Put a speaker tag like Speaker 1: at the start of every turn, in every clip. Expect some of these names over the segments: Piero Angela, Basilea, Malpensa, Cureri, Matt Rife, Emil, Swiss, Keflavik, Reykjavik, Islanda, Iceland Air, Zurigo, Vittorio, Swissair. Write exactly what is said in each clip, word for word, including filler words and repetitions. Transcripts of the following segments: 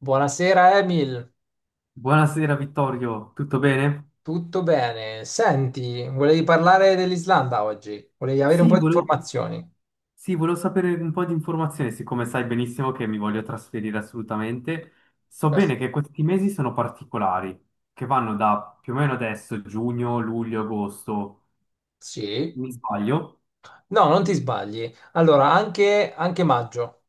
Speaker 1: Buonasera Emil,
Speaker 2: Buonasera Vittorio, tutto bene?
Speaker 1: tutto bene? Senti, volevi parlare dell'Islanda oggi? Volevi avere un po'
Speaker 2: Sì,
Speaker 1: di
Speaker 2: volevo,
Speaker 1: informazioni?
Speaker 2: sì, volevo sapere un po' di informazioni, siccome sai benissimo che mi voglio trasferire assolutamente. So
Speaker 1: Eh,
Speaker 2: bene che questi mesi sono particolari, che vanno da più o meno adesso, giugno, luglio, agosto,
Speaker 1: Sì?
Speaker 2: mi sbaglio?
Speaker 1: No, non ti sbagli. Allora, anche, anche maggio.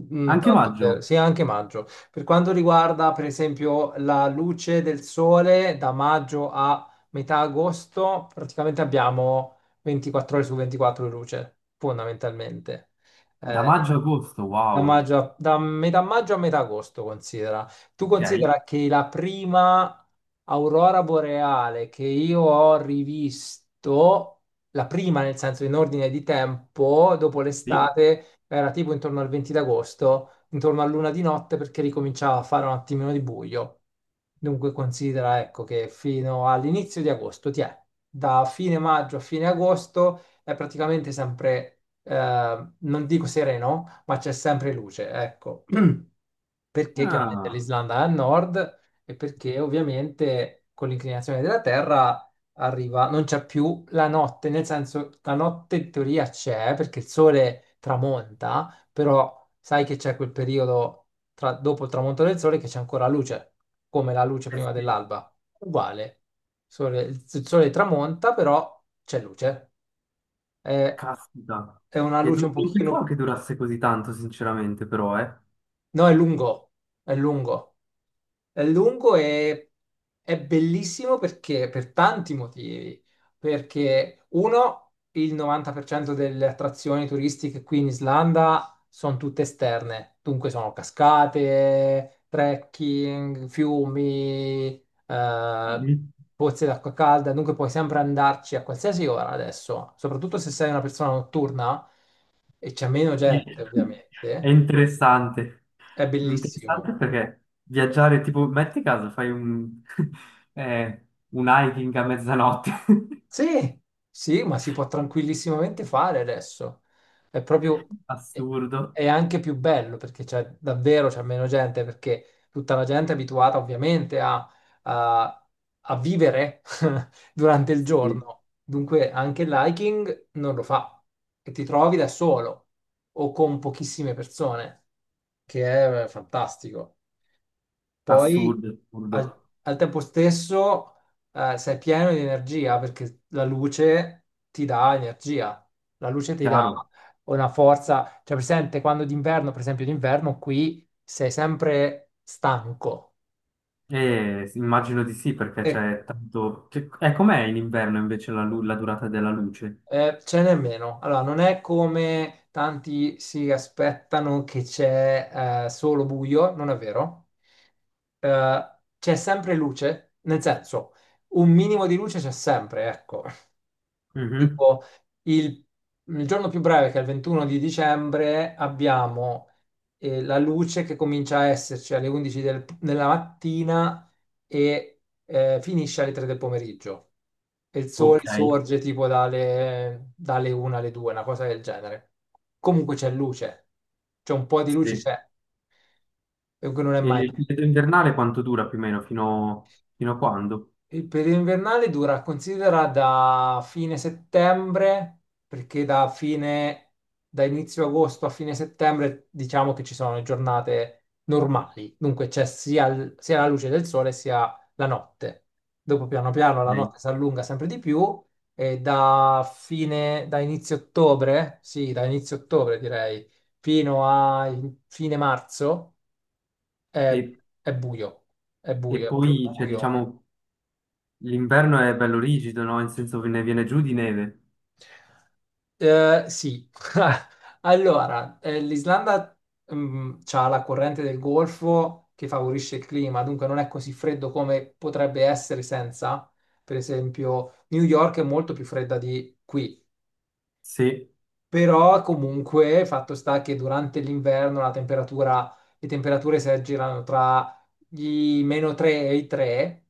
Speaker 1: Mm,
Speaker 2: Anche
Speaker 1: tanto per-
Speaker 2: maggio,
Speaker 1: sì, anche maggio. Per quanto riguarda, per esempio, la luce del sole da maggio a metà agosto, praticamente abbiamo ventiquattro ore su ventiquattro di luce, fondamentalmente.
Speaker 2: da
Speaker 1: Eh,
Speaker 2: maggio a agosto,
Speaker 1: Da,
Speaker 2: wow,
Speaker 1: maggio a- da metà maggio a metà agosto, considera. Tu
Speaker 2: ok,
Speaker 1: considera che la prima aurora boreale che io ho rivisto, la prima nel senso in ordine di tempo, dopo
Speaker 2: sì.
Speaker 1: l'estate, era tipo intorno al venti d'agosto, intorno a luna di notte perché ricominciava a fare un attimino di buio. Dunque considera, ecco, che fino all'inizio di agosto, ti è, da fine maggio a fine agosto è praticamente sempre eh, non dico sereno, ma c'è sempre luce, ecco. Perché chiaramente
Speaker 2: Ah,
Speaker 1: l'Islanda è a nord e perché ovviamente con l'inclinazione della Terra arriva, non c'è più la notte, nel senso la notte in teoria c'è perché il sole tramonta, però sai che c'è quel periodo tra- dopo il tramonto del sole che c'è ancora luce, come la luce
Speaker 2: eh
Speaker 1: prima
Speaker 2: sì,
Speaker 1: dell'alba. Uguale. Sole- il sole tramonta, però c'è luce. È,
Speaker 2: caspita.
Speaker 1: è una
Speaker 2: E
Speaker 1: luce
Speaker 2: du-
Speaker 1: un
Speaker 2: non
Speaker 1: pochino.
Speaker 2: pensavo che durasse così tanto, sinceramente, però,
Speaker 1: No, è lungo, è lungo, è lungo e è bellissimo perché per tanti motivi. Perché uno, il novanta per cento delle attrazioni turistiche qui in Islanda sono tutte esterne, dunque sono cascate, trekking, fiumi, eh,
Speaker 2: eh.
Speaker 1: pozze d'acqua calda, dunque puoi sempre andarci a qualsiasi ora adesso, soprattutto se sei una persona notturna e c'è meno gente,
Speaker 2: È
Speaker 1: ovviamente.
Speaker 2: interessante.
Speaker 1: È
Speaker 2: Interessante
Speaker 1: bellissimo.
Speaker 2: perché viaggiare, tipo, metti caso, fai un, eh, un hiking a mezzanotte.
Speaker 1: Sì, sì, ma si può tranquillissimamente fare adesso. È proprio, è
Speaker 2: Assurdo.
Speaker 1: è anche più bello perché c'è davvero c'è meno gente, perché tutta la gente è abituata ovviamente a, a- a vivere durante il
Speaker 2: Sì,
Speaker 1: giorno. Dunque anche il hiking non lo fa e ti trovi da solo o con pochissime persone, che è fantastico. Poi
Speaker 2: assurdo,
Speaker 1: al,
Speaker 2: assurdo.
Speaker 1: al tempo stesso eh, sei pieno di energia perché la luce ti dà energia, la luce ti dà
Speaker 2: Chiaro.
Speaker 1: una forza, cioè presente quando d'inverno, per esempio d'inverno qui sei sempre stanco
Speaker 2: E immagino di sì, perché
Speaker 1: e
Speaker 2: c'è tanto... Cioè, eh, com'è in inverno invece la, lu- la durata della luce?
Speaker 1: eh, ce n'è meno. Allora non è come tanti si aspettano che c'è eh, solo buio, non è vero. Eh, c'è sempre luce, nel senso un minimo di luce c'è sempre, ecco.
Speaker 2: Mhm.
Speaker 1: Tipo il, il giorno più breve, che è il ventuno di dicembre, abbiamo eh, la luce che comincia a esserci alle undici del- della mattina e eh, finisce alle tre del pomeriggio. E il sole
Speaker 2: Ok,
Speaker 1: sorge tipo dalle, dalle una alle due, una cosa del genere. Comunque c'è luce, c'è un po' di
Speaker 2: sì.
Speaker 1: luce,
Speaker 2: E
Speaker 1: c'è, e non è mai.
Speaker 2: il periodo invernale quanto dura più o meno? Fino, fino a quando?
Speaker 1: Il periodo invernale dura, considera da fine settembre, perché da fine, da inizio agosto a fine settembre, diciamo che ci sono le giornate normali, dunque c'è sia, il- sia la luce del sole sia la notte. Dopo piano piano la
Speaker 2: Ok.
Speaker 1: notte si allunga sempre di più e da fine, da inizio ottobre, sì, da inizio ottobre direi, fino a fine marzo è,
Speaker 2: E,
Speaker 1: è buio, è
Speaker 2: e
Speaker 1: buio, è più
Speaker 2: poi, cioè,
Speaker 1: buio.
Speaker 2: diciamo... L'inverno è bello rigido, no? In senso che ne viene giù di neve.
Speaker 1: Eh, sì, allora, eh, l'Islanda ha la corrente del Golfo che favorisce il clima, dunque non è così freddo come potrebbe essere senza. Per esempio, New York è molto più fredda di qui,
Speaker 2: Sì,
Speaker 1: però comunque fatto sta che durante l'inverno la temperatura, le temperature si aggirano tra i meno tre e i tre,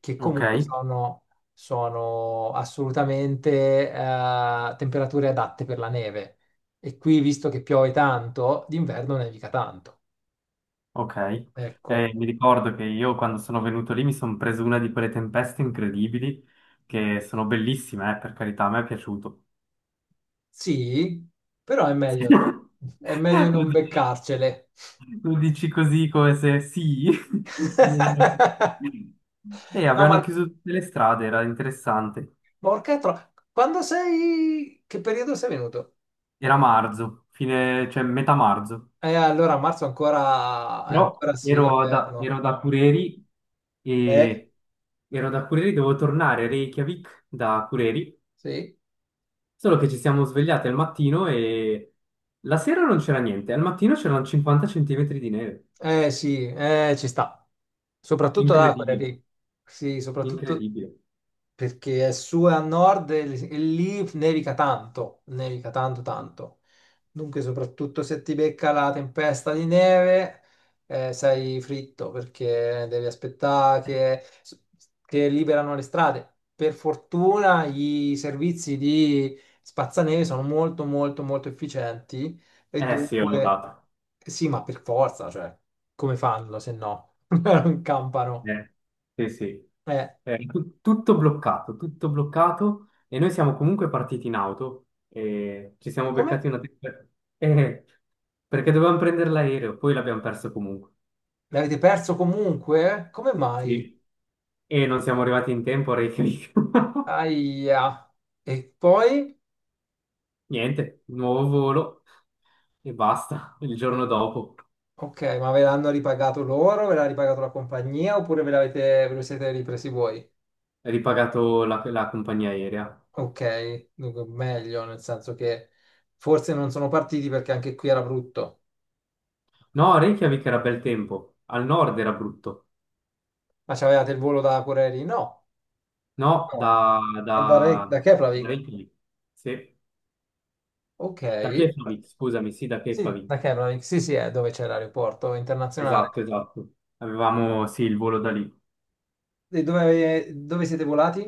Speaker 1: che
Speaker 2: ok,
Speaker 1: comunque sono, sono assolutamente eh, temperature adatte per la neve. E qui, visto che piove tanto, d'inverno nevica tanto.
Speaker 2: ok.
Speaker 1: Ecco,
Speaker 2: Eh, mi ricordo che io quando sono venuto lì mi sono preso una di quelle tempeste incredibili che sono bellissime, eh, per carità, a me è piaciuto.
Speaker 1: sì, però è meglio no- è meglio
Speaker 2: Lo
Speaker 1: non
Speaker 2: dici,
Speaker 1: beccarcele.
Speaker 2: lo dici così come se sì. Me- E
Speaker 1: No,
Speaker 2: avevano
Speaker 1: ma
Speaker 2: chiuso tutte le strade, era interessante.
Speaker 1: porca tro- quando sei... Che periodo sei venuto?
Speaker 2: Era marzo, fine, cioè metà marzo.
Speaker 1: Eh, allora a marzo ancora, eh,
Speaker 2: Però
Speaker 1: ancora sì, è
Speaker 2: ero da,
Speaker 1: inverno.
Speaker 2: ero da Cureri
Speaker 1: Eh,
Speaker 2: e ero da Cureri, dovevo tornare a Reykjavik da Cureri,
Speaker 1: sì,
Speaker 2: solo che ci siamo svegliati al mattino e la sera non c'era niente, al mattino c'erano cinquanta centimetri di neve.
Speaker 1: eh, sì, eh, ci sta. Soprattutto da quelle
Speaker 2: Incredibile,
Speaker 1: lì. Sì, soprattutto,
Speaker 2: incredibile.
Speaker 1: perché è su e a nord e, l- e lì nevica tanto, nevica tanto tanto. Dunque, soprattutto se ti becca la tempesta di neve, eh, sei fritto perché devi aspettare che, che liberano le strade. Per fortuna i servizi di spazzaneve sono molto molto molto efficienti e
Speaker 2: Eh sì, ho
Speaker 1: dunque
Speaker 2: notato.
Speaker 1: sì, ma per forza, cioè, come fanno se no? Non campano.
Speaker 2: Eh, sì, sì.
Speaker 1: Eh,
Speaker 2: Eh, tu- tutto bloccato, tutto bloccato e noi siamo comunque partiti in auto e ci siamo
Speaker 1: e come
Speaker 2: beccati una tempesta. Eh, perché dovevamo prendere l'aereo, poi l'abbiamo perso comunque.
Speaker 1: L'avete perso comunque? Come mai?
Speaker 2: Sì. E non siamo arrivati in tempo a Reykjavik.
Speaker 1: Aia. E poi?
Speaker 2: Niente, nuovo volo e basta. Il giorno dopo
Speaker 1: Ok, ma ve l'hanno ripagato loro? Ve l'ha ripagato la compagnia? Oppure ve l'avete, ve lo siete ripresi voi?
Speaker 2: è ripagato la, la compagnia aerea.
Speaker 1: Ok, dunque meglio, nel senso che forse non sono partiti perché anche qui era brutto.
Speaker 2: No, Reykjavik era bel tempo, al nord era brutto.
Speaker 1: Ma c'avevate il volo da Corelli? No,
Speaker 2: No,
Speaker 1: no.
Speaker 2: da, da,
Speaker 1: Da, Re- da
Speaker 2: da
Speaker 1: Keflavik?
Speaker 2: Reykjavik. Sì,
Speaker 1: Ok.
Speaker 2: da Keflavik, scusami, sì, da
Speaker 1: Sì,
Speaker 2: Keflavik.
Speaker 1: da Keflavik. Sì, sì, è dove c'è l'aeroporto
Speaker 2: Esatto,
Speaker 1: internazionale.
Speaker 2: esatto. Avevamo, sì, il volo da lì.
Speaker 1: E dove, dove siete volati?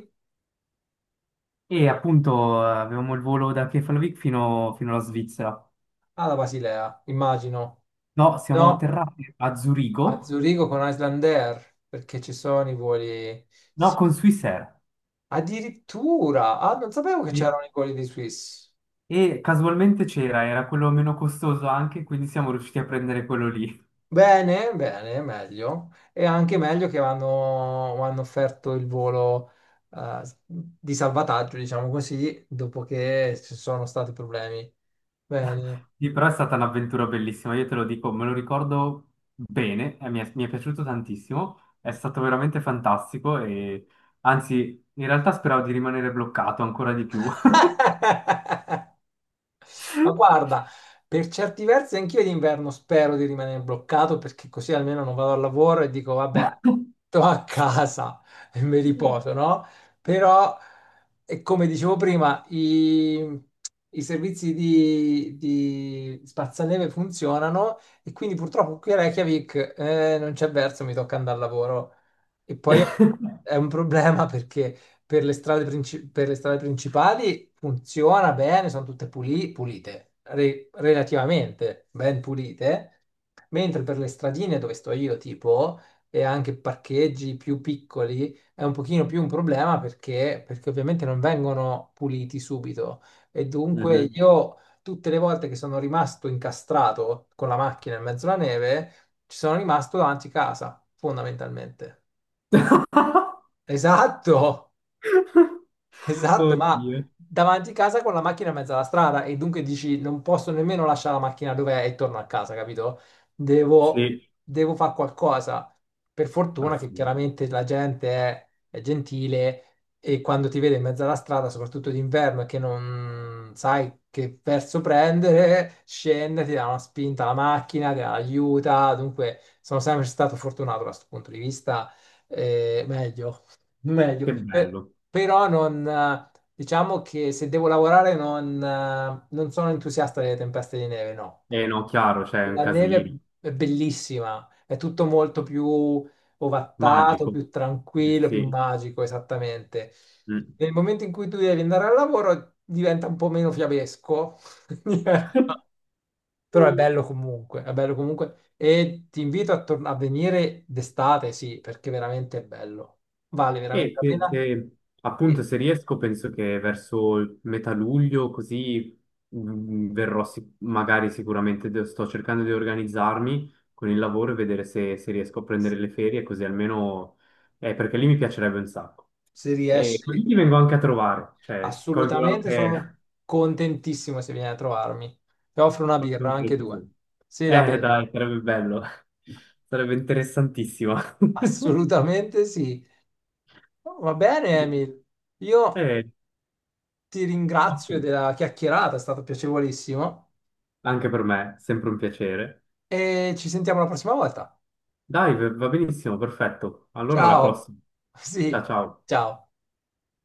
Speaker 2: E appunto eh, avevamo il volo da Keflavik fino, fino alla Svizzera.
Speaker 1: Alla Basilea, immagino.
Speaker 2: No, siamo
Speaker 1: No,
Speaker 2: atterrati a
Speaker 1: a
Speaker 2: Zurigo.
Speaker 1: Zurigo con Iceland Air, perché ci sono i voli... sì.
Speaker 2: No, con Swissair.
Speaker 1: Addirittura, ah, non sapevo che
Speaker 2: Sì.
Speaker 1: c'erano i voli di Swiss.
Speaker 2: E casualmente c'era, era quello meno costoso anche, quindi siamo riusciti a prendere quello lì.
Speaker 1: Bene, bene, meglio. E anche meglio che hanno, hanno offerto il volo eh, di salvataggio, diciamo così, dopo che ci sono stati problemi. Bene.
Speaker 2: Sì, però è stata un'avventura bellissima, io te lo dico, me lo ricordo bene, e mi è, mi è piaciuto tantissimo, è stato veramente fantastico e anzi, in realtà speravo di rimanere bloccato ancora di più.
Speaker 1: Ma guarda, per certi versi anch'io d'inverno spero di rimanere bloccato perché così almeno non vado al lavoro e dico vabbè, sto a casa e mi riposo, no? Però, e come dicevo prima, i, i servizi di, di spazzaneve funzionano e quindi purtroppo qui a Reykjavik eh, non c'è verso, mi tocca andare al lavoro. E poi è un problema perché per le strade, princi- per le strade principali funziona bene, sono tutte puli- pulite, re- relativamente ben pulite, mentre per le stradine dove sto io, tipo, e anche parcheggi più piccoli, è un pochino più un problema perché, perché ovviamente non vengono puliti subito e dunque
Speaker 2: Mhm.
Speaker 1: io tutte le volte che sono rimasto incastrato con la macchina in mezzo alla neve, ci sono rimasto davanti casa, fondamentalmente. Esatto! Esatto, ma
Speaker 2: Oddio.
Speaker 1: davanti a casa con la macchina in mezzo alla strada e dunque dici non posso nemmeno lasciare la macchina dove è e torno a casa, capito? Devo,
Speaker 2: Sì,
Speaker 1: devo fare qualcosa. Per fortuna
Speaker 2: ah,
Speaker 1: che chiaramente la gente è, è gentile e quando ti vede in mezzo alla strada, soprattutto d'inverno, e che non sai che verso prendere, scende, ti dà una spinta alla macchina, ti aiuta. Dunque sono sempre stato fortunato da questo punto di vista, eh, meglio
Speaker 2: che
Speaker 1: meglio. Per-
Speaker 2: bello.
Speaker 1: però non, eh, diciamo che se devo lavorare non, eh, non sono entusiasta delle tempeste di neve, no.
Speaker 2: Eh no, chiaro, c'è un
Speaker 1: La
Speaker 2: casino.
Speaker 1: neve è bellissima, è tutto molto più ovattato,
Speaker 2: Magico.
Speaker 1: più
Speaker 2: Eh,
Speaker 1: tranquillo, più
Speaker 2: sì.
Speaker 1: magico, esattamente.
Speaker 2: Mm.
Speaker 1: Nel momento in cui tu devi andare al lavoro diventa un po' meno fiabesco, Diventa- però è bello comunque, è bello comunque. E ti invito a, tor- a venire d'estate, sì, perché veramente è bello. Vale veramente
Speaker 2: E
Speaker 1: la
Speaker 2: se,
Speaker 1: pena.
Speaker 2: se- appunto se riesco penso che verso il metà luglio così mh, verrò sic- magari sicuramente de- sto cercando di organizzarmi con il lavoro e vedere se, se riesco a prendere le ferie così almeno eh, perché lì mi piacerebbe un sacco.
Speaker 1: Se
Speaker 2: E così
Speaker 1: riesci,
Speaker 2: ti vengo anche a trovare, cioè colgo
Speaker 1: assolutamente, sono
Speaker 2: anche,
Speaker 1: contentissimo se vieni a trovarmi. Ti offro una
Speaker 2: colgo
Speaker 1: birra,
Speaker 2: anche
Speaker 1: anche due.
Speaker 2: l'occasione.
Speaker 1: Sì, la
Speaker 2: Eh
Speaker 1: bevi.
Speaker 2: dai, sarebbe bello, sarebbe interessantissimo.
Speaker 1: Assolutamente sì. Va bene,
Speaker 2: Sì.
Speaker 1: Emil. Io
Speaker 2: Eh,
Speaker 1: ti
Speaker 2: ok.
Speaker 1: ringrazio della chiacchierata, è stato piacevolissimo
Speaker 2: Anche per me, sempre un piacere.
Speaker 1: e ci sentiamo la prossima volta.
Speaker 2: Dai, va va benissimo, perfetto. Allora alla
Speaker 1: Ciao.
Speaker 2: prossima. Ciao
Speaker 1: Sì,
Speaker 2: ciao.
Speaker 1: ciao.